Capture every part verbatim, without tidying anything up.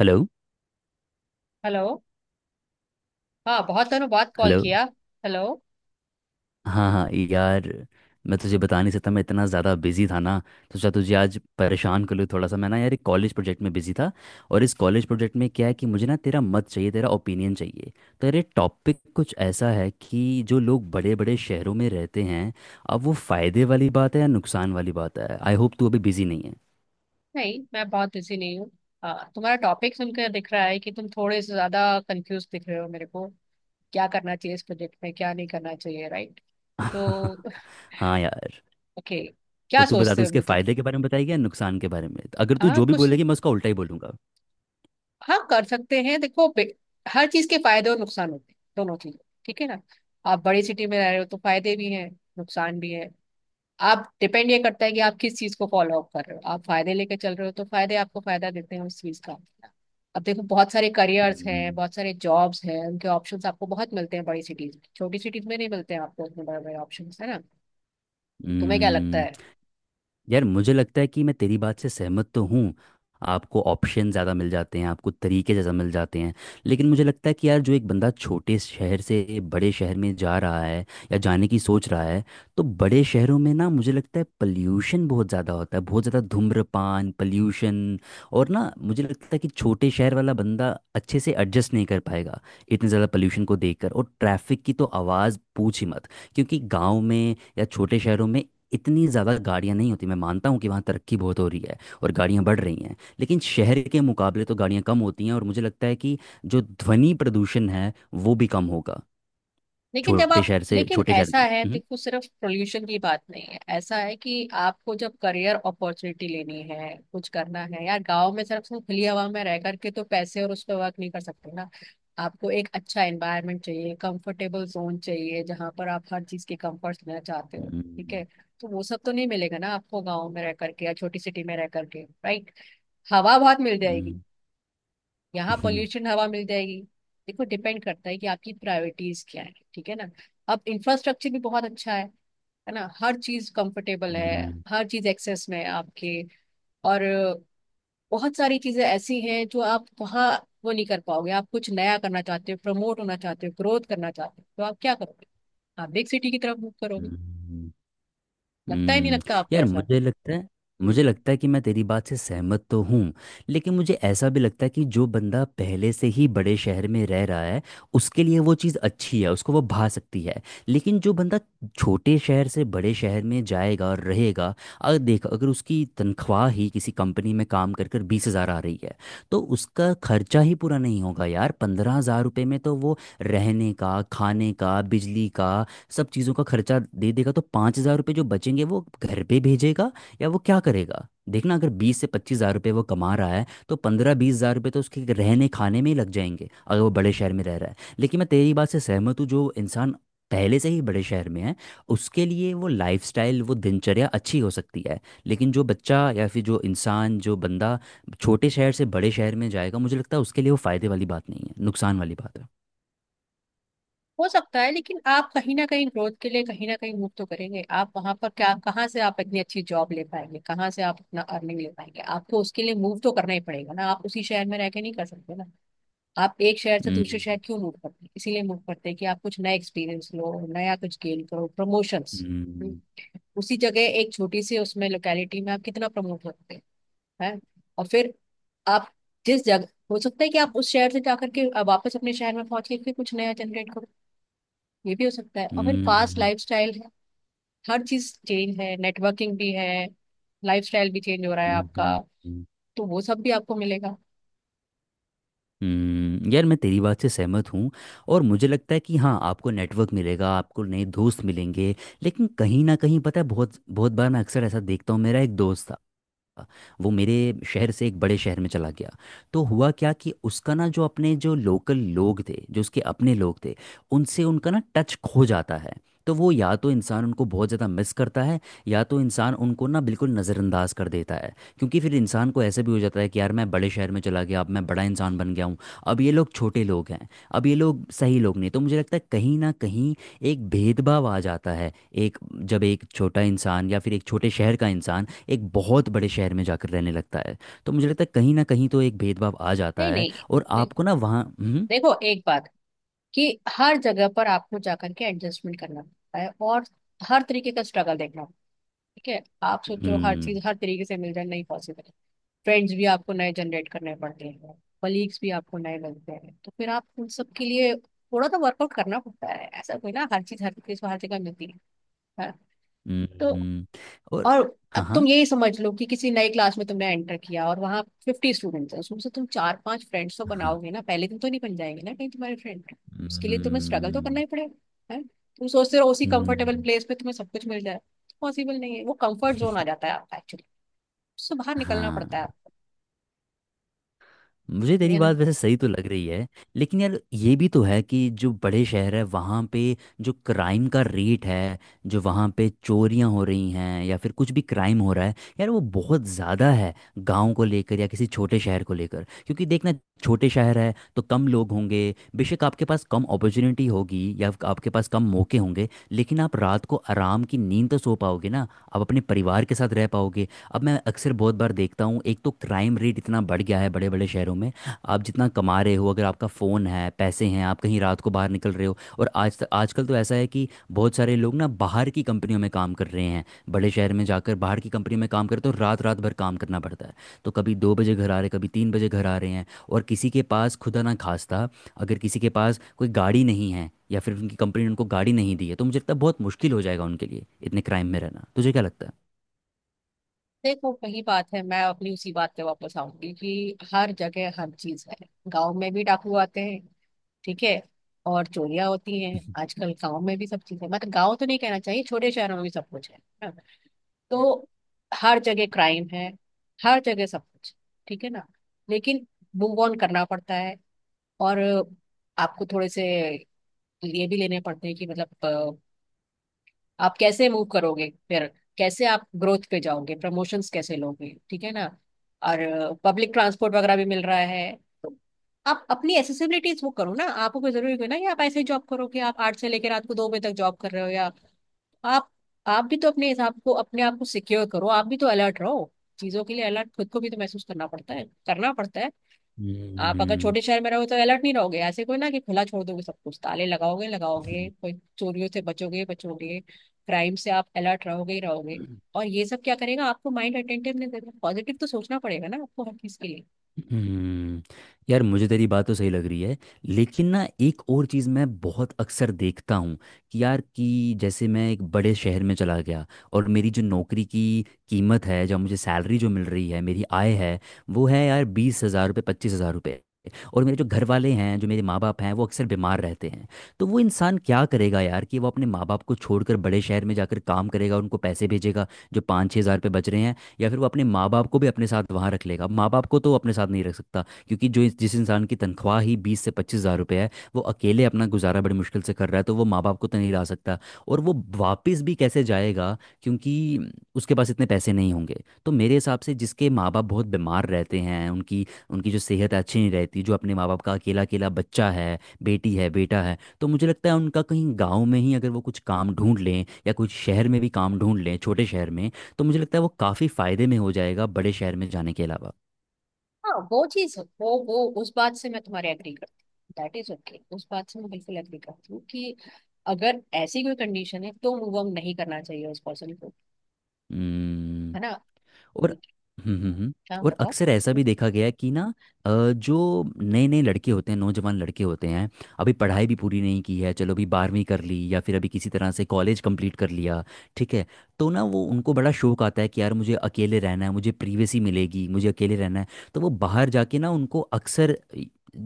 Hello. Hello. हाँ, बहुत दिनों बाद कॉल हेलो। किया। हेलो। हाँ हाँ यार, मैं तुझे बता नहीं सकता मैं इतना ज़्यादा बिजी था ना। तो सोचा तुझे आज परेशान कर लूँ थोड़ा सा। मैं ना यार एक कॉलेज प्रोजेक्ट में बिजी था। और इस कॉलेज प्रोजेक्ट में क्या है कि मुझे ना तेरा मत चाहिए, तेरा ओपिनियन चाहिए। तो यार ये टॉपिक कुछ ऐसा है कि जो लोग बड़े बड़े शहरों में रहते हैं, अब वो फ़ायदे वाली बात है या नुकसान वाली बात है। आई होप तू अभी बिजी नहीं है। नहीं, मैं बहुत बिजी नहीं हूँ। हाँ, तुम्हारा टॉपिक सुनकर दिख रहा है कि तुम थोड़े से ज्यादा कंफ्यूज दिख रहे हो मेरे को, क्या करना चाहिए इस प्रोजेक्ट में क्या नहीं करना चाहिए, राइट? तो हाँ यार। ओके, क्या तो तू बता, सोचते तू हो इसके अभी तक? फ़ायदे के बारे में बताएगी या नुकसान के बारे में। अगर तू हाँ जो भी कुछ। बोलेगी मैं उसका उल्टा ही बोलूँगा। हाँ, कर सकते हैं। देखो, बे- हर चीज के फायदे और नुकसान होते हैं, दोनों चीज। ठीक है ना। आप बड़ी सिटी में रह रहे हो तो फायदे भी हैं, नुकसान भी है। आप डिपेंड, ये करता है कि आप किस चीज को फॉलो अप कर रहे हो। आप फायदे लेके चल रहे हो तो फायदे आपको फायदा देते हैं उस चीज का। अब देखो, बहुत सारे करियर्स हैं, बहुत सारे जॉब्स हैं, उनके ऑप्शंस आपको बहुत मिलते हैं बड़ी सिटीज में, छोटी सिटीज में नहीं मिलते हैं आपको उतने बड़े बड़े ऑप्शंस, है ना। तुम्हें क्या लगता हम्म। है? यार मुझे लगता है कि मैं तेरी बात से सहमत तो हूँ। आपको ऑप्शन ज़्यादा मिल जाते हैं, आपको तरीके ज़्यादा मिल जाते हैं। लेकिन मुझे लगता है कि यार जो एक बंदा छोटे शहर से बड़े शहर में जा रहा है या जाने की सोच रहा है, तो बड़े शहरों में ना मुझे लगता है पल्यूशन बहुत ज़्यादा होता है, बहुत ज़्यादा धूम्रपान पल्यूशन। और ना मुझे लगता है कि छोटे शहर वाला बंदा अच्छे से एडजस्ट नहीं कर पाएगा इतने ज़्यादा पल्यूशन को देखकर। और ट्रैफिक की तो आवाज़ पूछ ही मत। क्योंकि गाँव में या छोटे शहरों में इतनी ज़्यादा गाड़ियाँ नहीं होती। मैं मानता हूँ कि वहाँ तरक्की बहुत हो रही है और गाड़ियाँ बढ़ रही हैं, लेकिन शहर के मुकाबले तो गाड़ियाँ कम होती हैं। और मुझे लगता है कि जो ध्वनि प्रदूषण है वो भी कम होगा। लेकिन जब छोटे आप, शहर से लेकिन छोटे शहर ऐसा में। है हम्म। देखो, सिर्फ पोल्यूशन की बात नहीं है। ऐसा है कि आपको जब करियर अपॉर्चुनिटी लेनी है, कुछ करना है, यार गांव में सिर्फ तुम खुली हवा में रह करके तो पैसे और उस पर वर्क नहीं कर सकते ना। आपको एक अच्छा एनवायरनमेंट चाहिए, कंफर्टेबल जोन चाहिए जहां पर आप हर चीज के कंफर्ट लेना चाहते हो, ठीक हम्म। है। तो वो सब तो नहीं मिलेगा ना आपको गांव में रह करके या छोटी सिटी में रह करके, राइट। हवा बहुत मिल जाएगी। हम्म। यहाँ हम्म। पोल्यूशन हवा मिल जाएगी। देखो, डिपेंड करता है कि आपकी प्रायोरिटीज क्या है, ठीक है ना। अब इंफ्रास्ट्रक्चर भी बहुत अच्छा है है ना, हर चीज कंफर्टेबल है। हम्म। हर चीज एक्सेस में है आपके। और बहुत सारी चीजें ऐसी हैं जो आप वहाँ वो नहीं कर पाओगे। आप कुछ नया करना चाहते हो, प्रमोट होना चाहते हो, ग्रोथ करना चाहते हो, तो आप क्या करोगे? आप बिग सिटी की तरफ मूव करोगे। हम्म। हम्म। लगता ही नहीं, हम्म। लगता आपको यार ऐसा? मुझे लगता है, मुझे हम्म। लगता है कि मैं तेरी बात से सहमत तो हूँ। लेकिन मुझे ऐसा भी लगता है कि जो बंदा पहले से ही बड़े शहर में रह रहा है उसके लिए वो चीज़ अच्छी है, उसको वो भा सकती है। लेकिन जो बंदा छोटे शहर से बड़े शहर में जाएगा और रहेगा, अगर देख अगर उसकी तनख्वाह ही किसी कंपनी में काम कर कर बीस हज़ार आ रही है, तो उसका खर्चा ही पूरा नहीं होगा यार। पंद्रह हज़ार रुपये में तो वो रहने का, खाने का, बिजली का, सब चीज़ों का खर्चा दे देगा। तो पाँच हज़ार रुपये जो बचेंगे वो घर पे भेजेगा या वो क्या करेगा? देखना, अगर बीस से पच्चीस हज़ार रुपये वो कमा रहा है तो पंद्रह बीस हज़ार रुपये तो उसके रहने खाने में ही लग जाएंगे, अगर वो बड़े शहर में रह रहा है। लेकिन मैं तेरी बात से सहमत हूँ, जो इंसान पहले से ही बड़े शहर में है उसके लिए वो लाइफस्टाइल, वो दिनचर्या अच्छी हो सकती है। लेकिन जो बच्चा या फिर जो इंसान, जो बंदा छोटे शहर से बड़े शहर में जाएगा, मुझे लगता है उसके लिए वो फायदे वाली बात नहीं है, नुकसान वाली बात है। हो सकता है, लेकिन आप कहीं ना कहीं ग्रोथ के लिए कहीं ना कहीं मूव तो करेंगे आप। वहां पर क्या, कहाँ से आप इतनी अच्छी जॉब ले पाएंगे, कहाँ से आप अपना अर्निंग ले पाएंगे? आपको उसके लिए मूव तो करना ही पड़ेगा ना, आप उसी शहर में रह के नहीं कर सकते ना। आप एक शहर से दूसरे शहर हम्म। क्यों मूव करते हैं? इसीलिए मूव करते हैं कि आप कुछ नया एक्सपीरियंस लो, नया कुछ गेन करो, प्रमोशंस। हम्म। उसी जगह एक छोटी सी उसमें लोकेलिटी में आप कितना प्रमोट सकते हैं? हैं? और फिर आप जिस जगह, हो सकता है कि आप उस शहर से जाकर के वापस अपने शहर में पहुंच के फिर कुछ नया जनरेट करो। ये भी हो सकता है। और फिर फास्ट हम्म। लाइफस्टाइल है, हर चीज चेंज है, नेटवर्किंग भी है, लाइफस्टाइल भी चेंज हो रहा है हम्म। हम्म। आपका। हम्म। तो वो सब भी आपको मिलेगा। हम्म। यार मैं तेरी बात से सहमत हूँ। और मुझे लगता है कि हाँ आपको नेटवर्क मिलेगा, आपको नए दोस्त मिलेंगे। लेकिन कहीं ना कहीं, पता है, बहुत बहुत बार मैं अक्सर ऐसा देखता हूँ, मेरा एक दोस्त था, वो मेरे शहर से एक बड़े शहर में चला गया। तो हुआ क्या कि उसका ना जो अपने जो लोकल लोग थे, जो उसके अपने लोग थे, उनसे उनका ना टच खो जाता है। तो वो या तो इंसान उनको बहुत ज़्यादा मिस करता है या तो इंसान उनको ना बिल्कुल नज़रअंदाज कर देता है। क्योंकि फिर इंसान को ऐसे भी हो जाता है कि यार मैं बड़े शहर में चला गया, अब मैं बड़ा इंसान बन गया हूँ, अब ये लोग छोटे लोग हैं, अब ये लोग सही लोग नहीं। तो मुझे लगता है कहीं ना कहीं एक भेदभाव आ जाता है। एक, जब एक छोटा इंसान या फिर एक छोटे शहर का इंसान एक बहुत बड़े शहर में जाकर रहने लगता है, तो मुझे लगता है कहीं ना कहीं तो एक भेदभाव आ जाता नहीं है। नहीं। और दे, आपको ना वहाँ हम्म। देखो एक बात, कि हर जगह पर आपको जाकर के एडजस्टमेंट करना पड़ता है और हर तरीके का स्ट्रगल देखना पड़ता है, ठीक है। आप सोचो हर हम्म। चीज हर तरीके से मिल जाए, नहीं पॉसिबल है। फ्रेंड्स भी आपको नए जनरेट करने पड़ते हैं, कलीग्स भी आपको नए मिलते हैं, तो फिर आप उन सब के लिए थोड़ा तो वर्कआउट करना पड़ता है, ऐसा कोई ना हर चीज हर तरीके से हर जगह मिलती है। हाँ। तो हम्म। और और हाँ अब तुम हाँ यही समझ लो कि किसी नई क्लास में तुमने एंटर किया और वहां फिफ्टी स्टूडेंट्स हैं, उसमें से तुम चार पांच फ्रेंड्स तो हाँ। बनाओगे ना, पहले दिन तो नहीं बन जाएंगे ना कहीं तुम्हारे फ्रेंड। उसके लिए तुम्हें स्ट्रगल तो करना हम्म। ही पड़ेगा, है तुम सोचते हो उसी कंफर्टेबल हम्म। प्लेस पे तुम्हें सब कुछ मिल जाए, पॉसिबल नहीं है। वो कंफर्ट जोन आ जाता है आपका, एक्चुअली उससे बाहर निकलना पड़ता है हाँ, आपको, मुझे ठीक तेरी है ना। बात वैसे सही तो लग रही है। लेकिन यार ये भी तो है कि जो बड़े शहर है वहाँ पे जो क्राइम का रेट है, जो वहाँ पे चोरियाँ हो रही हैं या फिर कुछ भी क्राइम हो रहा है यार, वो बहुत ज़्यादा है गांव को लेकर या किसी छोटे शहर को लेकर। क्योंकि देखना, छोटे शहर है तो कम लोग होंगे, बेशक आपके पास कम अपॉर्चुनिटी होगी या फिर आपके पास कम मौके होंगे, लेकिन आप रात को आराम की नींद तो सो पाओगे ना। आप अपने परिवार के साथ रह पाओगे। अब मैं अक्सर बहुत बार देखता हूँ, एक तो क्राइम रेट इतना बढ़ गया है बड़े बड़े शहरों में। आप जितना कमा रहे हो, अगर आपका फ़ोन है, पैसे हैं, आप कहीं रात को बाहर निकल रहे हो, और आज तक आजकल तो ऐसा है कि बहुत सारे लोग ना बाहर की कंपनियों में काम कर रहे हैं। बड़े शहर में जाकर बाहर की कंपनी में काम करते हो, रात रात भर काम करना पड़ता है। तो कभी दो बजे घर आ रहे, कभी तीन बजे घर आ रहे हैं, और किसी के पास खुदा ना खास्ता, अगर किसी के पास कोई गाड़ी नहीं है या फिर उनकी कंपनी ने उनको गाड़ी नहीं दी है, तो मुझे लगता है बहुत मुश्किल हो जाएगा उनके लिए इतने क्राइम में रहना। तुझे क्या लगता है? देखो, वही बात है, मैं अपनी उसी बात पे वापस आऊंगी कि हर जगह हर चीज है, गांव में भी डाकू आते हैं, ठीक है, और चोरियां होती हैं आजकल गांव में भी, सब चीजें, मतलब गांव तो नहीं कहना चाहिए, छोटे शहरों में भी सब कुछ है है ना? तो हर जगह क्राइम है, हर जगह सब कुछ, ठीक है ना। लेकिन मूव ऑन करना पड़ता है। और आपको थोड़े से ये भी लेने पड़ते हैं कि मतलब अ, आप कैसे मूव करोगे फिर, कैसे आप ग्रोथ पे जाओगे, प्रमोशंस कैसे लोगे, ठीक है ना। और पब्लिक ट्रांसपोर्ट वगैरह भी मिल रहा है, तो आप अपनी एसेसिबिलिटीज वो करो ना। आपको कोई जरूरी नहीं ना कि आप ऐसे ही जॉब करो कि आप आठ से लेकर रात को दो बजे तक जॉब कर रहे हो, या आप आप भी तो अपने हिसाब को अपने आप को सिक्योर करो, आप भी तो अलर्ट रहो चीजों के लिए। अलर्ट खुद को भी तो महसूस करना पड़ता है, करना पड़ता है। आप अगर हम्म। छोटे शहर में रहो तो अलर्ट नहीं रहोगे ऐसे, कोई ना कि खुला छोड़ दोगे सब कुछ, ताले लगाओगे लगाओगे कोई, चोरियों से बचोगे बचोगे, क्राइम से आप अलर्ट रहोगे ही रहोगे। और ये सब क्या करेगा, आपको माइंड अटेंटिवनेस देगा, पॉजिटिव तो सोचना पड़ेगा ना आपको हर चीज के लिए। हम्म। यार मुझे तेरी बात तो सही लग रही है, लेकिन ना एक और चीज़ मैं बहुत अक्सर देखता हूँ कि यार, कि जैसे मैं एक बड़े शहर में चला गया और मेरी जो नौकरी की कीमत है, जो मुझे सैलरी जो मिल रही है, मेरी आय है, वो है यार बीस हज़ार रुपये, पच्चीस हज़ार रुपये। और मेरे जो घर वाले हैं, जो मेरे माँ बाप हैं, वो अक्सर बीमार रहते हैं। तो वो इंसान क्या करेगा यार, कि वो अपने माँ बाप को छोड़कर बड़े शहर में जाकर काम करेगा, उनको पैसे भेजेगा जो पाँच छः हज़ार रुपये बच रहे हैं, या फिर वो अपने माँ बाप को भी अपने साथ वहाँ रख लेगा। माँ बाप को तो वो अपने साथ नहीं रख सकता क्योंकि जो इस- जिस इंसान की तनख्वाह ही बीस से पच्चीस हज़ार रुपये है, वो अकेले अपना गुजारा बड़ी मुश्किल से कर रहा है, तो वो माँ बाप को तो नहीं ला सकता। और वो वापस भी कैसे जाएगा, क्योंकि उसके पास इतने पैसे नहीं होंगे। तो मेरे हिसाब से, जिसके माँ बाप बहुत बीमार रहते हैं, उनकी उनकी जो सेहत है, अच्छी नहीं रहती, जो अपने माँ बाप का अकेला अकेला बच्चा है, बेटी है, बेटा है, तो मुझे लगता है उनका कहीं गाँव में ही अगर वो कुछ काम ढूंढ लें या कुछ शहर में भी काम ढूंढ लें, छोटे शहर में, तो मुझे लगता है वो काफ़ी फ़ायदे में हो जाएगा बड़े शहर में जाने के अलावा। हाँ वो चीज, वो वो उस बात से मैं तुम्हारे एग्री करती हूँ, दैट इज ओके। उस बात से मैं बिल्कुल एग्री करती हूँ कि अगर ऐसी कोई कंडीशन है तो मूव ऑन नहीं करना चाहिए उस पर्सन को, हम्म। है ना। और हम्म। हम्म। हम्म। क्या और बताओ। अक्सर ऐसा भी देखा गया है कि ना अ, जो नए नए लड़के होते हैं, नौजवान लड़के होते हैं, अभी पढ़ाई भी पूरी नहीं की है, चलो अभी बारहवीं कर ली या फिर अभी किसी तरह से कॉलेज कंप्लीट कर लिया, ठीक है, तो ना वो, उनको बड़ा शौक आता है कि यार मुझे अकेले रहना है, मुझे प्रिवेसी मिलेगी, मुझे अकेले रहना है। तो वो बाहर जाके ना उनको अक्सर,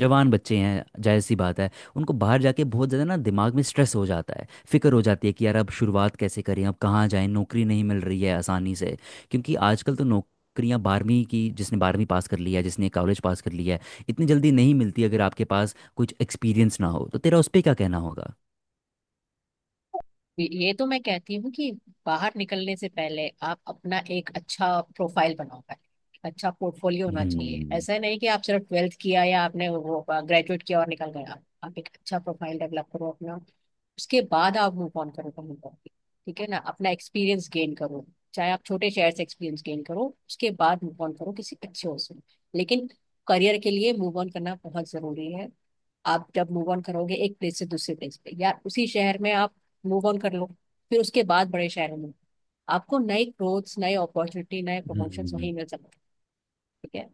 जवान बच्चे हैं, जाहिर सी बात है, उनको बाहर जाके बहुत ज़्यादा ना दिमाग में स्ट्रेस हो जाता है, फिक्र हो जाती है कि यार अब शुरुआत कैसे करें, अब कहाँ जाएं, नौकरी नहीं मिल रही है आसानी से। क्योंकि आजकल तो नौकरियां, बारहवीं की, जिसने बारहवीं पास कर लिया है, जिसने कॉलेज पास कर लिया है, इतनी जल्दी नहीं मिलती अगर आपके पास कुछ एक्सपीरियंस ना हो। तो तेरा उस पर क्या कहना होगा? ये तो मैं कहती हूँ कि बाहर निकलने से पहले आप अपना एक अच्छा प्रोफाइल बनाओ, पहले अच्छा पोर्टफोलियो होना चाहिए। हम्म। ऐसा नहीं कि आप सिर्फ ट्वेल्थ किया या आपने वो ग्रेजुएट किया और निकल गया। आप एक अच्छा प्रोफाइल डेवलप करो अपना, उसके बाद आप मूव ऑन करो कहीं पर भी, ठीक है ना। अपना एक्सपीरियंस गेन करो, चाहे आप छोटे शहर से एक्सपीरियंस गेन करो, उसके बाद मूव ऑन करो किसी अच्छे हॉस्टल में। लेकिन करियर के लिए मूव ऑन करना बहुत जरूरी है। आप जब मूव ऑन करोगे एक प्लेस से दूसरे प्लेस पे या उसी शहर में आप मूव ऑन कर लो, फिर उसके बाद बड़े शहरों में आपको नए ग्रोथ्स, नए अपॉर्चुनिटी, नए प्रमोशन हम्म। वहीं मिल सकते हैं, ठीक है।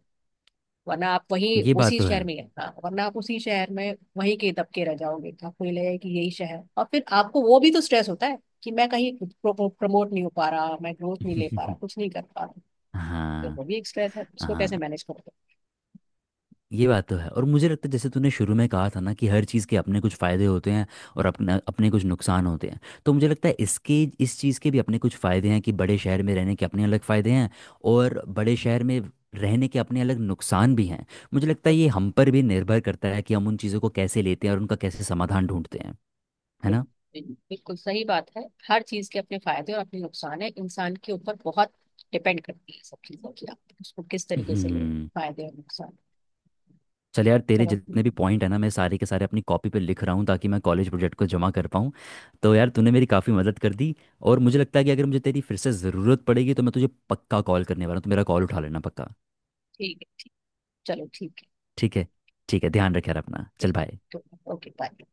वरना आप वही ये बात उसी तो है। शहर में ही रहना, वरना आप उसी शहर में वहीं के दबके रह जाओगे तो आपको ये लगेगा कि यही शहर है। और फिर आपको वो भी तो स्ट्रेस होता है कि मैं कहीं प्रमोट नहीं हो पा रहा, मैं ग्रोथ नहीं ले पा रहा, कुछ नहीं कर पा रहा। तो हाँ। वो भी एक स्ट्रेस है, उसको कैसे हाँ, मैनेज करोगे। ये बात तो है। और मुझे लगता है जैसे तूने शुरू में कहा था ना, कि हर चीज़ के अपने कुछ फ़ायदे होते हैं और अपने अपने कुछ नुकसान होते हैं। तो मुझे लगता है इसके, इस चीज़ के भी अपने कुछ फ़ायदे हैं, कि बड़े शहर में रहने के अपने अलग फ़ायदे हैं और बड़े शहर में रहने के अपने अलग नुकसान भी हैं। मुझे लगता है ये हम पर भी निर्भर करता है कि हम उन चीज़ों को कैसे लेते हैं और उनका कैसे समाधान ढूंढते हैं। है ना। बिल्कुल सही बात है। हर चीज के अपने फायदे और अपने नुकसान है, इंसान के ऊपर बहुत डिपेंड करती है सब चीजों की, आप उसको किस तरीके से ले रहे हो, हम्म। फायदे और नुकसान। चल यार, तेरे चलो जितने भी पॉइंट है ना मैं सारे के सारे अपनी कॉपी पे लिख रहा हूँ ताकि मैं कॉलेज प्रोजेक्ट को जमा कर पाऊँ। तो यार तूने मेरी काफ़ी मदद कर दी। और मुझे लगता है कि अगर मुझे तेरी फिर से ज़रूरत पड़ेगी तो मैं तुझे पक्का कॉल करने वाला हूँ, तो मेरा कॉल उठा लेना पक्का। ठीक है। चलो ठीक है। ठीक है। ठीक है, ध्यान रखे यार अपना, चल बाय। बिल्कुल ओके, बाय।